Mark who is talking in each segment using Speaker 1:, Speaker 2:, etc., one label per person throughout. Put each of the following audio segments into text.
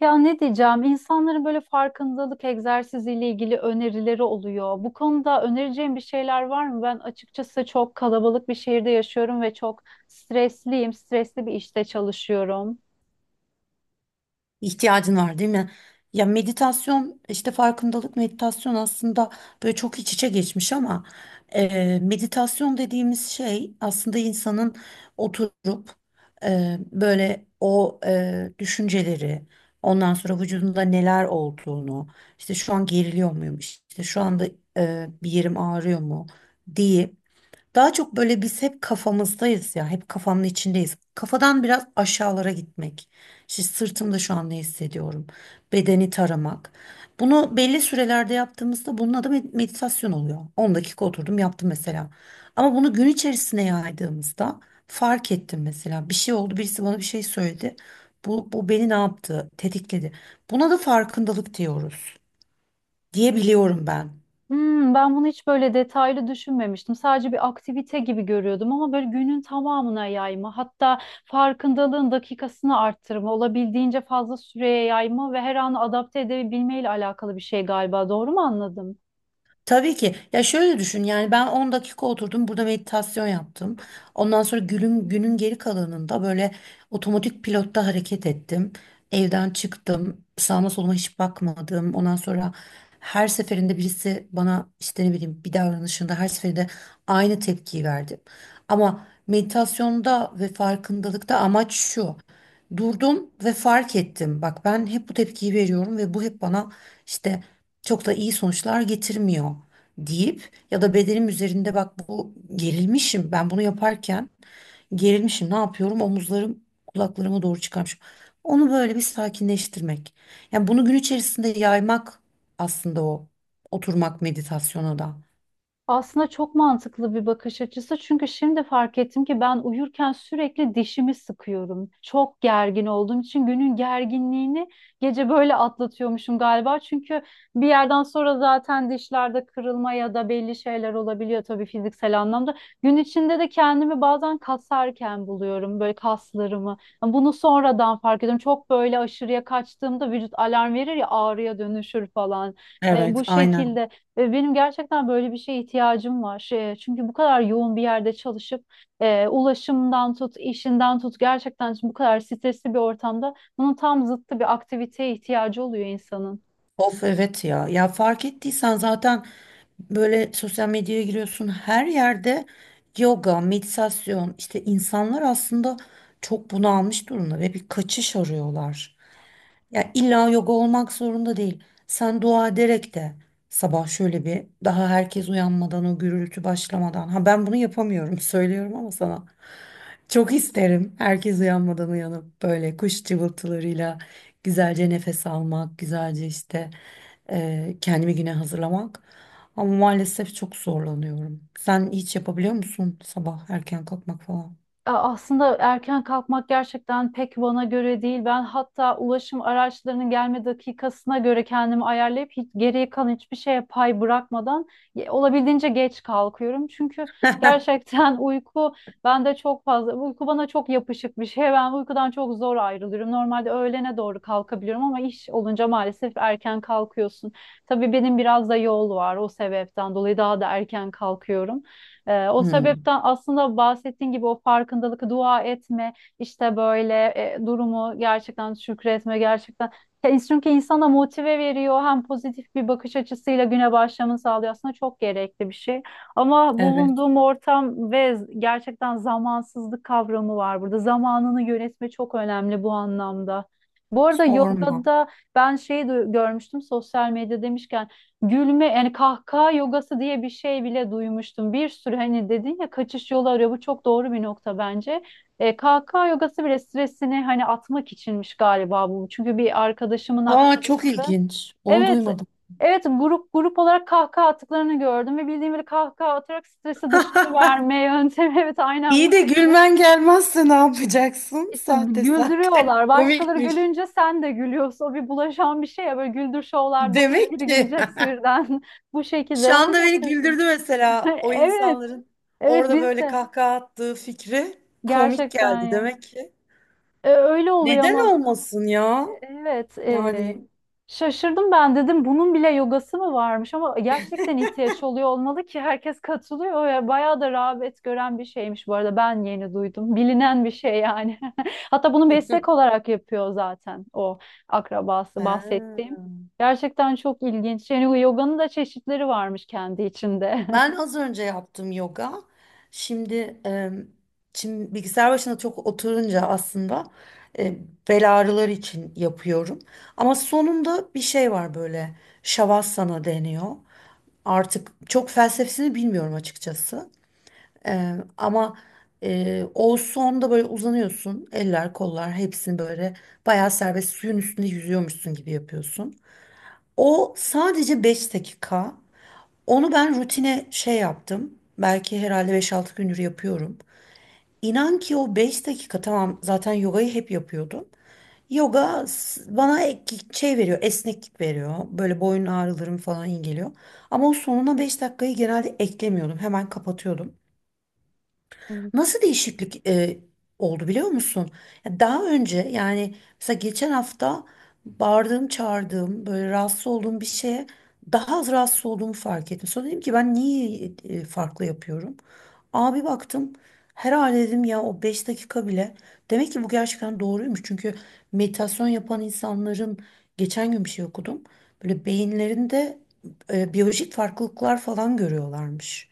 Speaker 1: Ya ne diyeceğim? İnsanların böyle farkındalık egzersiziyle ilgili önerileri oluyor. Bu konuda önereceğim bir şeyler var mı? Ben açıkçası çok kalabalık bir şehirde yaşıyorum ve çok stresliyim. Stresli bir işte çalışıyorum.
Speaker 2: İhtiyacın var değil mi? Ya meditasyon işte farkındalık meditasyon aslında böyle çok iç içe geçmiş ama meditasyon dediğimiz şey aslında insanın oturup böyle o düşünceleri ondan sonra vücudunda neler olduğunu işte şu an geriliyor muyum işte şu anda bir yerim ağrıyor mu diye daha çok böyle biz hep kafamızdayız ya, hep kafamın içindeyiz. Kafadan biraz aşağılara gitmek. İşte sırtımda şu an ne hissediyorum? Bedeni taramak. Bunu belli sürelerde yaptığımızda bunun adı meditasyon oluyor. 10 dakika oturdum yaptım mesela. Ama bunu gün içerisine yaydığımızda fark ettim mesela. Bir şey oldu, birisi bana bir şey söyledi. Bu beni ne yaptı? Tetikledi. Buna da farkındalık diyoruz diyebiliyorum ben.
Speaker 1: Ben bunu hiç böyle detaylı düşünmemiştim. Sadece bir aktivite gibi görüyordum ama böyle günün tamamına yayma, hatta farkındalığın dakikasını arttırma, olabildiğince fazla süreye yayma ve her an adapte edebilmeyle alakalı bir şey galiba. Doğru mu anladım?
Speaker 2: Tabii ki. Ya şöyle düşün yani ben 10 dakika oturdum burada meditasyon yaptım. Ondan sonra günün geri kalanında böyle otomatik pilotta hareket ettim. Evden çıktım. Sağıma soluma hiç bakmadım. Ondan sonra her seferinde birisi bana işte ne bileyim bir davranışında her seferinde aynı tepkiyi verdim. Ama meditasyonda ve farkındalıkta amaç şu. Durdum ve fark ettim. Bak ben hep bu tepkiyi veriyorum ve bu hep bana işte çok da iyi sonuçlar getirmiyor deyip ya da bedenim üzerinde bak bu gerilmişim ben bunu yaparken gerilmişim ne yapıyorum omuzlarım kulaklarıma doğru çıkarmışım. Onu böyle bir sakinleştirmek. Yani bunu gün içerisinde yaymak aslında o oturmak meditasyona da.
Speaker 1: Aslında çok mantıklı bir bakış açısı çünkü şimdi fark ettim ki ben uyurken sürekli dişimi sıkıyorum. Çok gergin olduğum için günün gerginliğini gece böyle atlatıyormuşum galiba. Çünkü bir yerden sonra zaten dişlerde kırılma ya da belli şeyler olabiliyor tabii fiziksel anlamda. Gün içinde de kendimi bazen kasarken buluyorum böyle kaslarımı. Bunu sonradan fark ediyorum. Çok böyle aşırıya kaçtığımda vücut alarm verir ya ağrıya dönüşür falan.
Speaker 2: Evet.
Speaker 1: Bu
Speaker 2: Aynen.
Speaker 1: şekilde. Ve benim gerçekten böyle bir şeye ihtiyacım var. Çünkü bu kadar yoğun bir yerde çalışıp ulaşımdan tut, işinden tut gerçekten bu kadar stresli bir ortamda bunun tam zıttı bir aktiviteye ihtiyacı oluyor insanın.
Speaker 2: Of evet ya. Ya fark ettiysen zaten böyle sosyal medyaya giriyorsun her yerde yoga, meditasyon işte insanlar aslında çok bunalmış durumda ve bir kaçış arıyorlar. Ya illa yoga olmak zorunda değil. Sen dua ederek de sabah şöyle bir daha herkes uyanmadan o gürültü başlamadan. Ha ben bunu yapamıyorum söylüyorum ama sana. Çok isterim herkes uyanmadan uyanıp böyle kuş cıvıltılarıyla güzelce nefes almak, güzelce işte kendimi güne hazırlamak. Ama maalesef çok zorlanıyorum. Sen hiç yapabiliyor musun sabah erken kalkmak falan?
Speaker 1: Aslında erken kalkmak gerçekten pek bana göre değil. Ben hatta ulaşım araçlarının gelme dakikasına göre kendimi ayarlayıp hiç, geriye kalan hiçbir şeye pay bırakmadan olabildiğince geç kalkıyorum. Çünkü gerçekten uyku bende çok fazla, uyku bana çok yapışık bir şey. Ben uykudan çok zor ayrılıyorum. Normalde öğlene doğru kalkabiliyorum ama iş olunca maalesef erken kalkıyorsun. Tabii benim biraz da yol var o sebepten dolayı daha da erken kalkıyorum. O
Speaker 2: Hmm,
Speaker 1: sebepten aslında bahsettiğin gibi o farkındalık, dua etme, işte böyle durumu gerçekten şükretme, gerçekten. Ya çünkü insana motive veriyor, hem pozitif bir bakış açısıyla güne başlamanı sağlıyor. Aslında çok gerekli bir şey. Ama
Speaker 2: evet,
Speaker 1: bulunduğum ortam ve gerçekten zamansızlık kavramı var burada. Zamanını yönetme çok önemli bu anlamda. Bu arada
Speaker 2: sorma.
Speaker 1: yogada ben şeyi görmüştüm, sosyal medya demişken. Gülme yani kahkaha yogası diye bir şey bile duymuştum. Bir sürü, hani dedin ya, kaçış yolu arıyor. Bu çok doğru bir nokta bence. Kahkaha yogası bile stresini hani atmak içinmiş galiba bu. Çünkü bir arkadaşımın
Speaker 2: Aa çok
Speaker 1: aklında.
Speaker 2: ilginç. Onu
Speaker 1: Evet.
Speaker 2: duymadım.
Speaker 1: Evet, grup grup olarak kahkaha attıklarını gördüm ve bildiğim bir kahkaha atarak stresi dışarı verme yöntemi. Evet, aynen bu
Speaker 2: İyi de
Speaker 1: şekilde.
Speaker 2: gülmen gelmezse ne yapacaksın?
Speaker 1: İşte
Speaker 2: Sahte sahte.
Speaker 1: güldürüyorlar. Başkaları
Speaker 2: Komikmiş.
Speaker 1: gülünce sen de gülüyorsun. O bir bulaşan bir şey ya. Böyle güldür şovlarda oluyor ya.
Speaker 2: Demek
Speaker 1: Biri
Speaker 2: ki
Speaker 1: gülünce hepsi birden bu
Speaker 2: şu
Speaker 1: şekilde. Ben de
Speaker 2: anda beni
Speaker 1: şaşırdım.
Speaker 2: güldürdü mesela o
Speaker 1: Evet.
Speaker 2: insanların
Speaker 1: Evet,
Speaker 2: orada
Speaker 1: biz
Speaker 2: böyle
Speaker 1: de.
Speaker 2: kahkaha attığı fikri komik
Speaker 1: Gerçekten
Speaker 2: geldi
Speaker 1: ya.
Speaker 2: demek ki.
Speaker 1: Öyle oluyor
Speaker 2: Neden
Speaker 1: ama
Speaker 2: olmasın ya?
Speaker 1: evet.
Speaker 2: Yani.
Speaker 1: Şaşırdım, ben dedim bunun bile yogası mı varmış, ama gerçekten ihtiyaç oluyor olmalı ki herkes katılıyor ya, bayağı da rağbet gören bir şeymiş, bu arada ben yeni duydum bilinen bir şey yani hatta bunu meslek olarak yapıyor zaten o akrabası bahsettiğim.
Speaker 2: He.
Speaker 1: Gerçekten çok ilginç yani, yoganın da çeşitleri varmış kendi içinde.
Speaker 2: Ben az önce yaptım yoga. Şimdi, e, şimdi, bilgisayar başına çok oturunca aslında e, bel ağrıları için yapıyorum. Ama sonunda bir şey var böyle şavasana deniyor. Artık çok felsefesini bilmiyorum açıkçası. Ama o sonda böyle uzanıyorsun. Eller, kollar hepsini böyle bayağı serbest suyun üstünde yüzüyormuşsun gibi yapıyorsun. O sadece 5 dakika. Onu ben rutine şey yaptım. Belki herhalde 5-6 gündür yapıyorum. İnan ki o 5 dakika tamam zaten yogayı hep yapıyordum. Yoga bana şey veriyor, esneklik veriyor. Böyle boyun ağrılarım falan iyi geliyor. Ama o sonuna 5 dakikayı genelde eklemiyordum. Hemen kapatıyordum. Nasıl değişiklik oldu biliyor musun? Ya daha önce yani mesela geçen hafta bağırdığım, çağırdığım, böyle rahatsız olduğum bir şeye daha az rahatsız olduğumu fark ettim. Sonra dedim ki ben niye farklı yapıyorum? Abi baktım herhalde dedim ya o 5 dakika bile. Demek ki bu gerçekten doğruymuş. Çünkü meditasyon yapan insanların geçen gün bir şey okudum. Böyle beyinlerinde biyolojik farklılıklar falan görüyorlarmış.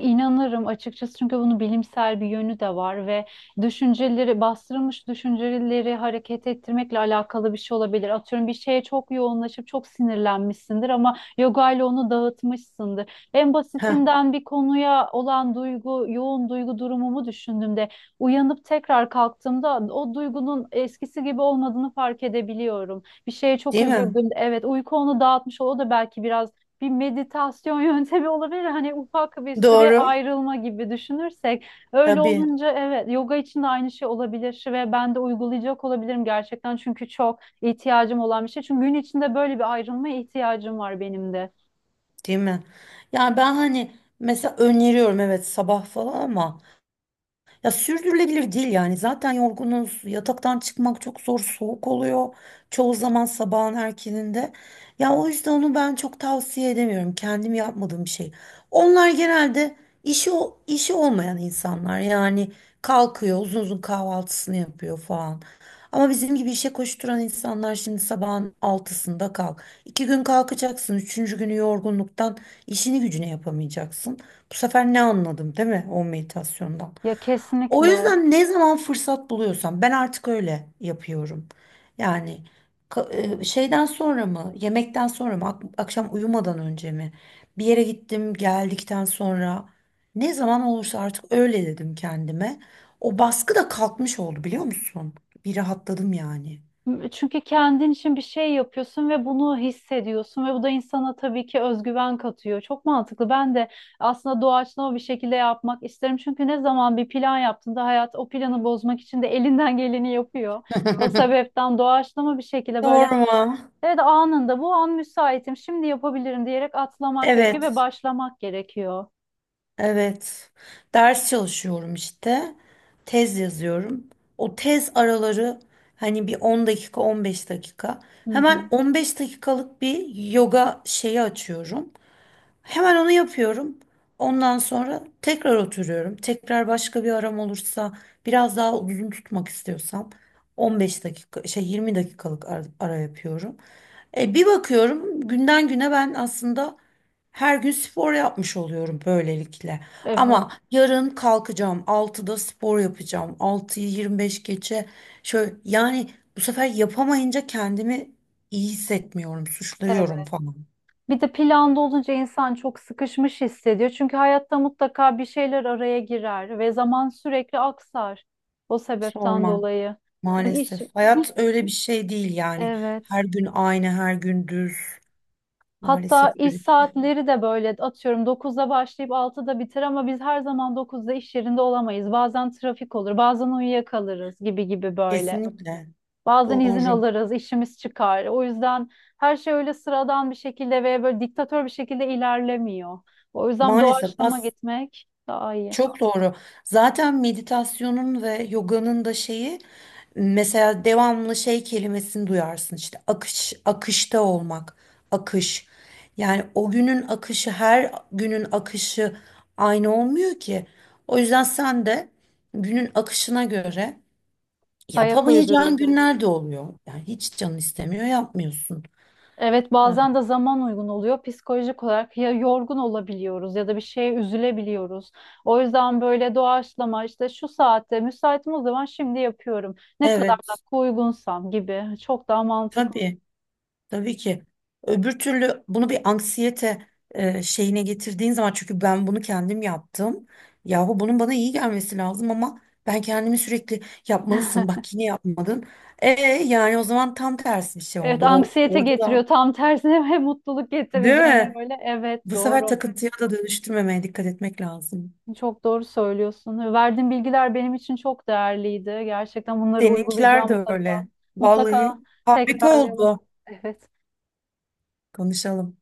Speaker 1: İnanırım açıkçası çünkü bunun bilimsel bir yönü de var ve düşünceleri, bastırılmış düşünceleri hareket ettirmekle alakalı bir şey olabilir. Atıyorum, bir şeye çok yoğunlaşıp çok sinirlenmişsindir ama yoga ile onu dağıtmışsındır. En
Speaker 2: Ha, tamam.
Speaker 1: basitinden bir konuya olan duygu, yoğun duygu durumumu düşündüğümde uyanıp tekrar kalktığımda o duygunun eskisi gibi olmadığını fark edebiliyorum. Bir şeye çok
Speaker 2: Değil mi?
Speaker 1: üzüldüm. Evet, uyku onu dağıtmış, o da belki biraz bir meditasyon yöntemi olabilir. Hani ufak bir süre
Speaker 2: Doğru.
Speaker 1: ayrılma gibi düşünürsek. Öyle
Speaker 2: Tabii,
Speaker 1: olunca evet, yoga için de aynı şey olabilir ve ben de uygulayacak olabilirim gerçekten. Çünkü çok ihtiyacım olan bir şey. Çünkü gün içinde böyle bir ayrılmaya ihtiyacım var benim de.
Speaker 2: değil mi? Yani ben hani mesela öneriyorum evet sabah falan ama ya sürdürülebilir değil yani. Zaten yorgunuz. Yataktan çıkmak çok zor. Soğuk oluyor. Çoğu zaman sabahın erkeninde. Ya o yüzden onu ben çok tavsiye edemiyorum. Kendim yapmadığım bir şey. Onlar genelde işi olmayan insanlar. Yani kalkıyor, uzun uzun kahvaltısını yapıyor falan. Ama bizim gibi işe koşturan insanlar şimdi sabahın altısında kalk. İki gün kalkacaksın. Üçüncü günü yorgunluktan işini gücüne yapamayacaksın. Bu sefer ne anladım değil mi o meditasyondan?
Speaker 1: Ya
Speaker 2: O
Speaker 1: kesinlikle.
Speaker 2: yüzden ne zaman fırsat buluyorsam ben artık öyle yapıyorum. Yani şeyden sonra mı, yemekten sonra mı, akşam uyumadan önce mi, bir yere gittim geldikten sonra ne zaman olursa artık öyle dedim kendime. O baskı da kalkmış oldu biliyor musun? Bir rahatladım yani.
Speaker 1: Çünkü kendin için bir şey yapıyorsun ve bunu hissediyorsun ve bu da insana tabii ki özgüven katıyor. Çok mantıklı. Ben de aslında doğaçlama bir şekilde yapmak isterim. Çünkü ne zaman bir plan yaptığında hayat o planı bozmak için de elinden geleni yapıyor. O sebepten doğaçlama bir şekilde böyle,
Speaker 2: Sorma.
Speaker 1: evet, anında bu an müsaitim şimdi yapabilirim diyerek atlamak gerekiyor ve
Speaker 2: Evet.
Speaker 1: başlamak gerekiyor.
Speaker 2: Evet. Ders çalışıyorum işte. Tez yazıyorum. O tez araları hani bir 10 dakika, 15 dakika.
Speaker 1: Hı hı.
Speaker 2: Hemen 15 dakikalık bir yoga şeyi açıyorum. Hemen onu yapıyorum. Ondan sonra tekrar oturuyorum. Tekrar başka bir aram olursa, biraz daha uzun tutmak istiyorsam 15 dakika, şey 20 dakikalık ara yapıyorum. Bir bakıyorum günden güne ben aslında her gün spor yapmış oluyorum böylelikle.
Speaker 1: Evet,
Speaker 2: Ama yarın kalkacağım altıda spor yapacağım. Altıyı 25 geçe şöyle yani bu sefer yapamayınca kendimi iyi hissetmiyorum, suçluyorum
Speaker 1: evet.
Speaker 2: falan.
Speaker 1: Bir de planda olunca insan çok sıkışmış hissediyor. Çünkü hayatta mutlaka bir şeyler araya girer ve zaman sürekli aksar. O sebepten
Speaker 2: Sorma
Speaker 1: dolayı. Yani iş,
Speaker 2: maalesef. Hayat
Speaker 1: iş-
Speaker 2: öyle bir şey değil yani. Her
Speaker 1: evet.
Speaker 2: gün aynı, her gün düz.
Speaker 1: Hatta
Speaker 2: Maalesef
Speaker 1: iş
Speaker 2: öyle bir şey.
Speaker 1: saatleri de böyle, atıyorum, 9'da başlayıp 6'da biter ama biz her zaman 9'da iş yerinde olamayız. Bazen trafik olur, bazen uyuyakalırız gibi gibi böyle.
Speaker 2: Kesinlikle
Speaker 1: Bazen izin
Speaker 2: doğru.
Speaker 1: alırız, işimiz çıkar. O yüzden her şey öyle sıradan bir şekilde ve böyle diktatör bir şekilde ilerlemiyor. O yüzden
Speaker 2: Maalesef
Speaker 1: doğaçlama
Speaker 2: as
Speaker 1: gitmek daha iyi.
Speaker 2: Çok doğru. Zaten meditasyonun ve yoganın da şeyi mesela devamlı şey kelimesini duyarsın işte akış, akışta olmak, akış. Yani o günün akışı her günün akışı aynı olmuyor ki. O yüzden sen de günün akışına göre
Speaker 1: Ayak
Speaker 2: yapamayacağın
Speaker 1: uydururuz, evet.
Speaker 2: günler de oluyor. Yani hiç canın istemiyor yapmıyorsun.
Speaker 1: Evet,
Speaker 2: Evet,
Speaker 1: bazen de zaman uygun oluyor. Psikolojik olarak ya yorgun olabiliyoruz ya da bir şeye üzülebiliyoruz. O yüzden böyle doğaçlama işte, şu saatte müsaitim, o zaman şimdi yapıyorum. Ne kadar da
Speaker 2: evet,
Speaker 1: uygunsam gibi, çok daha mantıklı.
Speaker 2: tabii. Tabii ki. Öbür türlü bunu bir anksiyete şeyine getirdiğin zaman çünkü ben bunu kendim yaptım. Yahu bunun bana iyi gelmesi lazım ama ben kendimi sürekli yapmalısın. Bak yine yapmadın. Yani o zaman tam tersi bir şey
Speaker 1: Evet,
Speaker 2: oldu. O
Speaker 1: anksiyete
Speaker 2: orada da
Speaker 1: getiriyor. Tam tersine ve mutluluk
Speaker 2: değil
Speaker 1: getireceğine
Speaker 2: mi?
Speaker 1: böyle. Evet,
Speaker 2: Bu sefer
Speaker 1: doğru.
Speaker 2: takıntıya da dönüştürmemeye dikkat etmek lazım.
Speaker 1: Çok doğru söylüyorsun. Verdiğin bilgiler benim için çok değerliydi. Gerçekten bunları
Speaker 2: Seninkiler
Speaker 1: uygulayacağım
Speaker 2: de
Speaker 1: mutlaka.
Speaker 2: öyle. Vallahi
Speaker 1: Mutlaka
Speaker 2: harika
Speaker 1: tekrarlayalım.
Speaker 2: oldu.
Speaker 1: Evet.
Speaker 2: Konuşalım.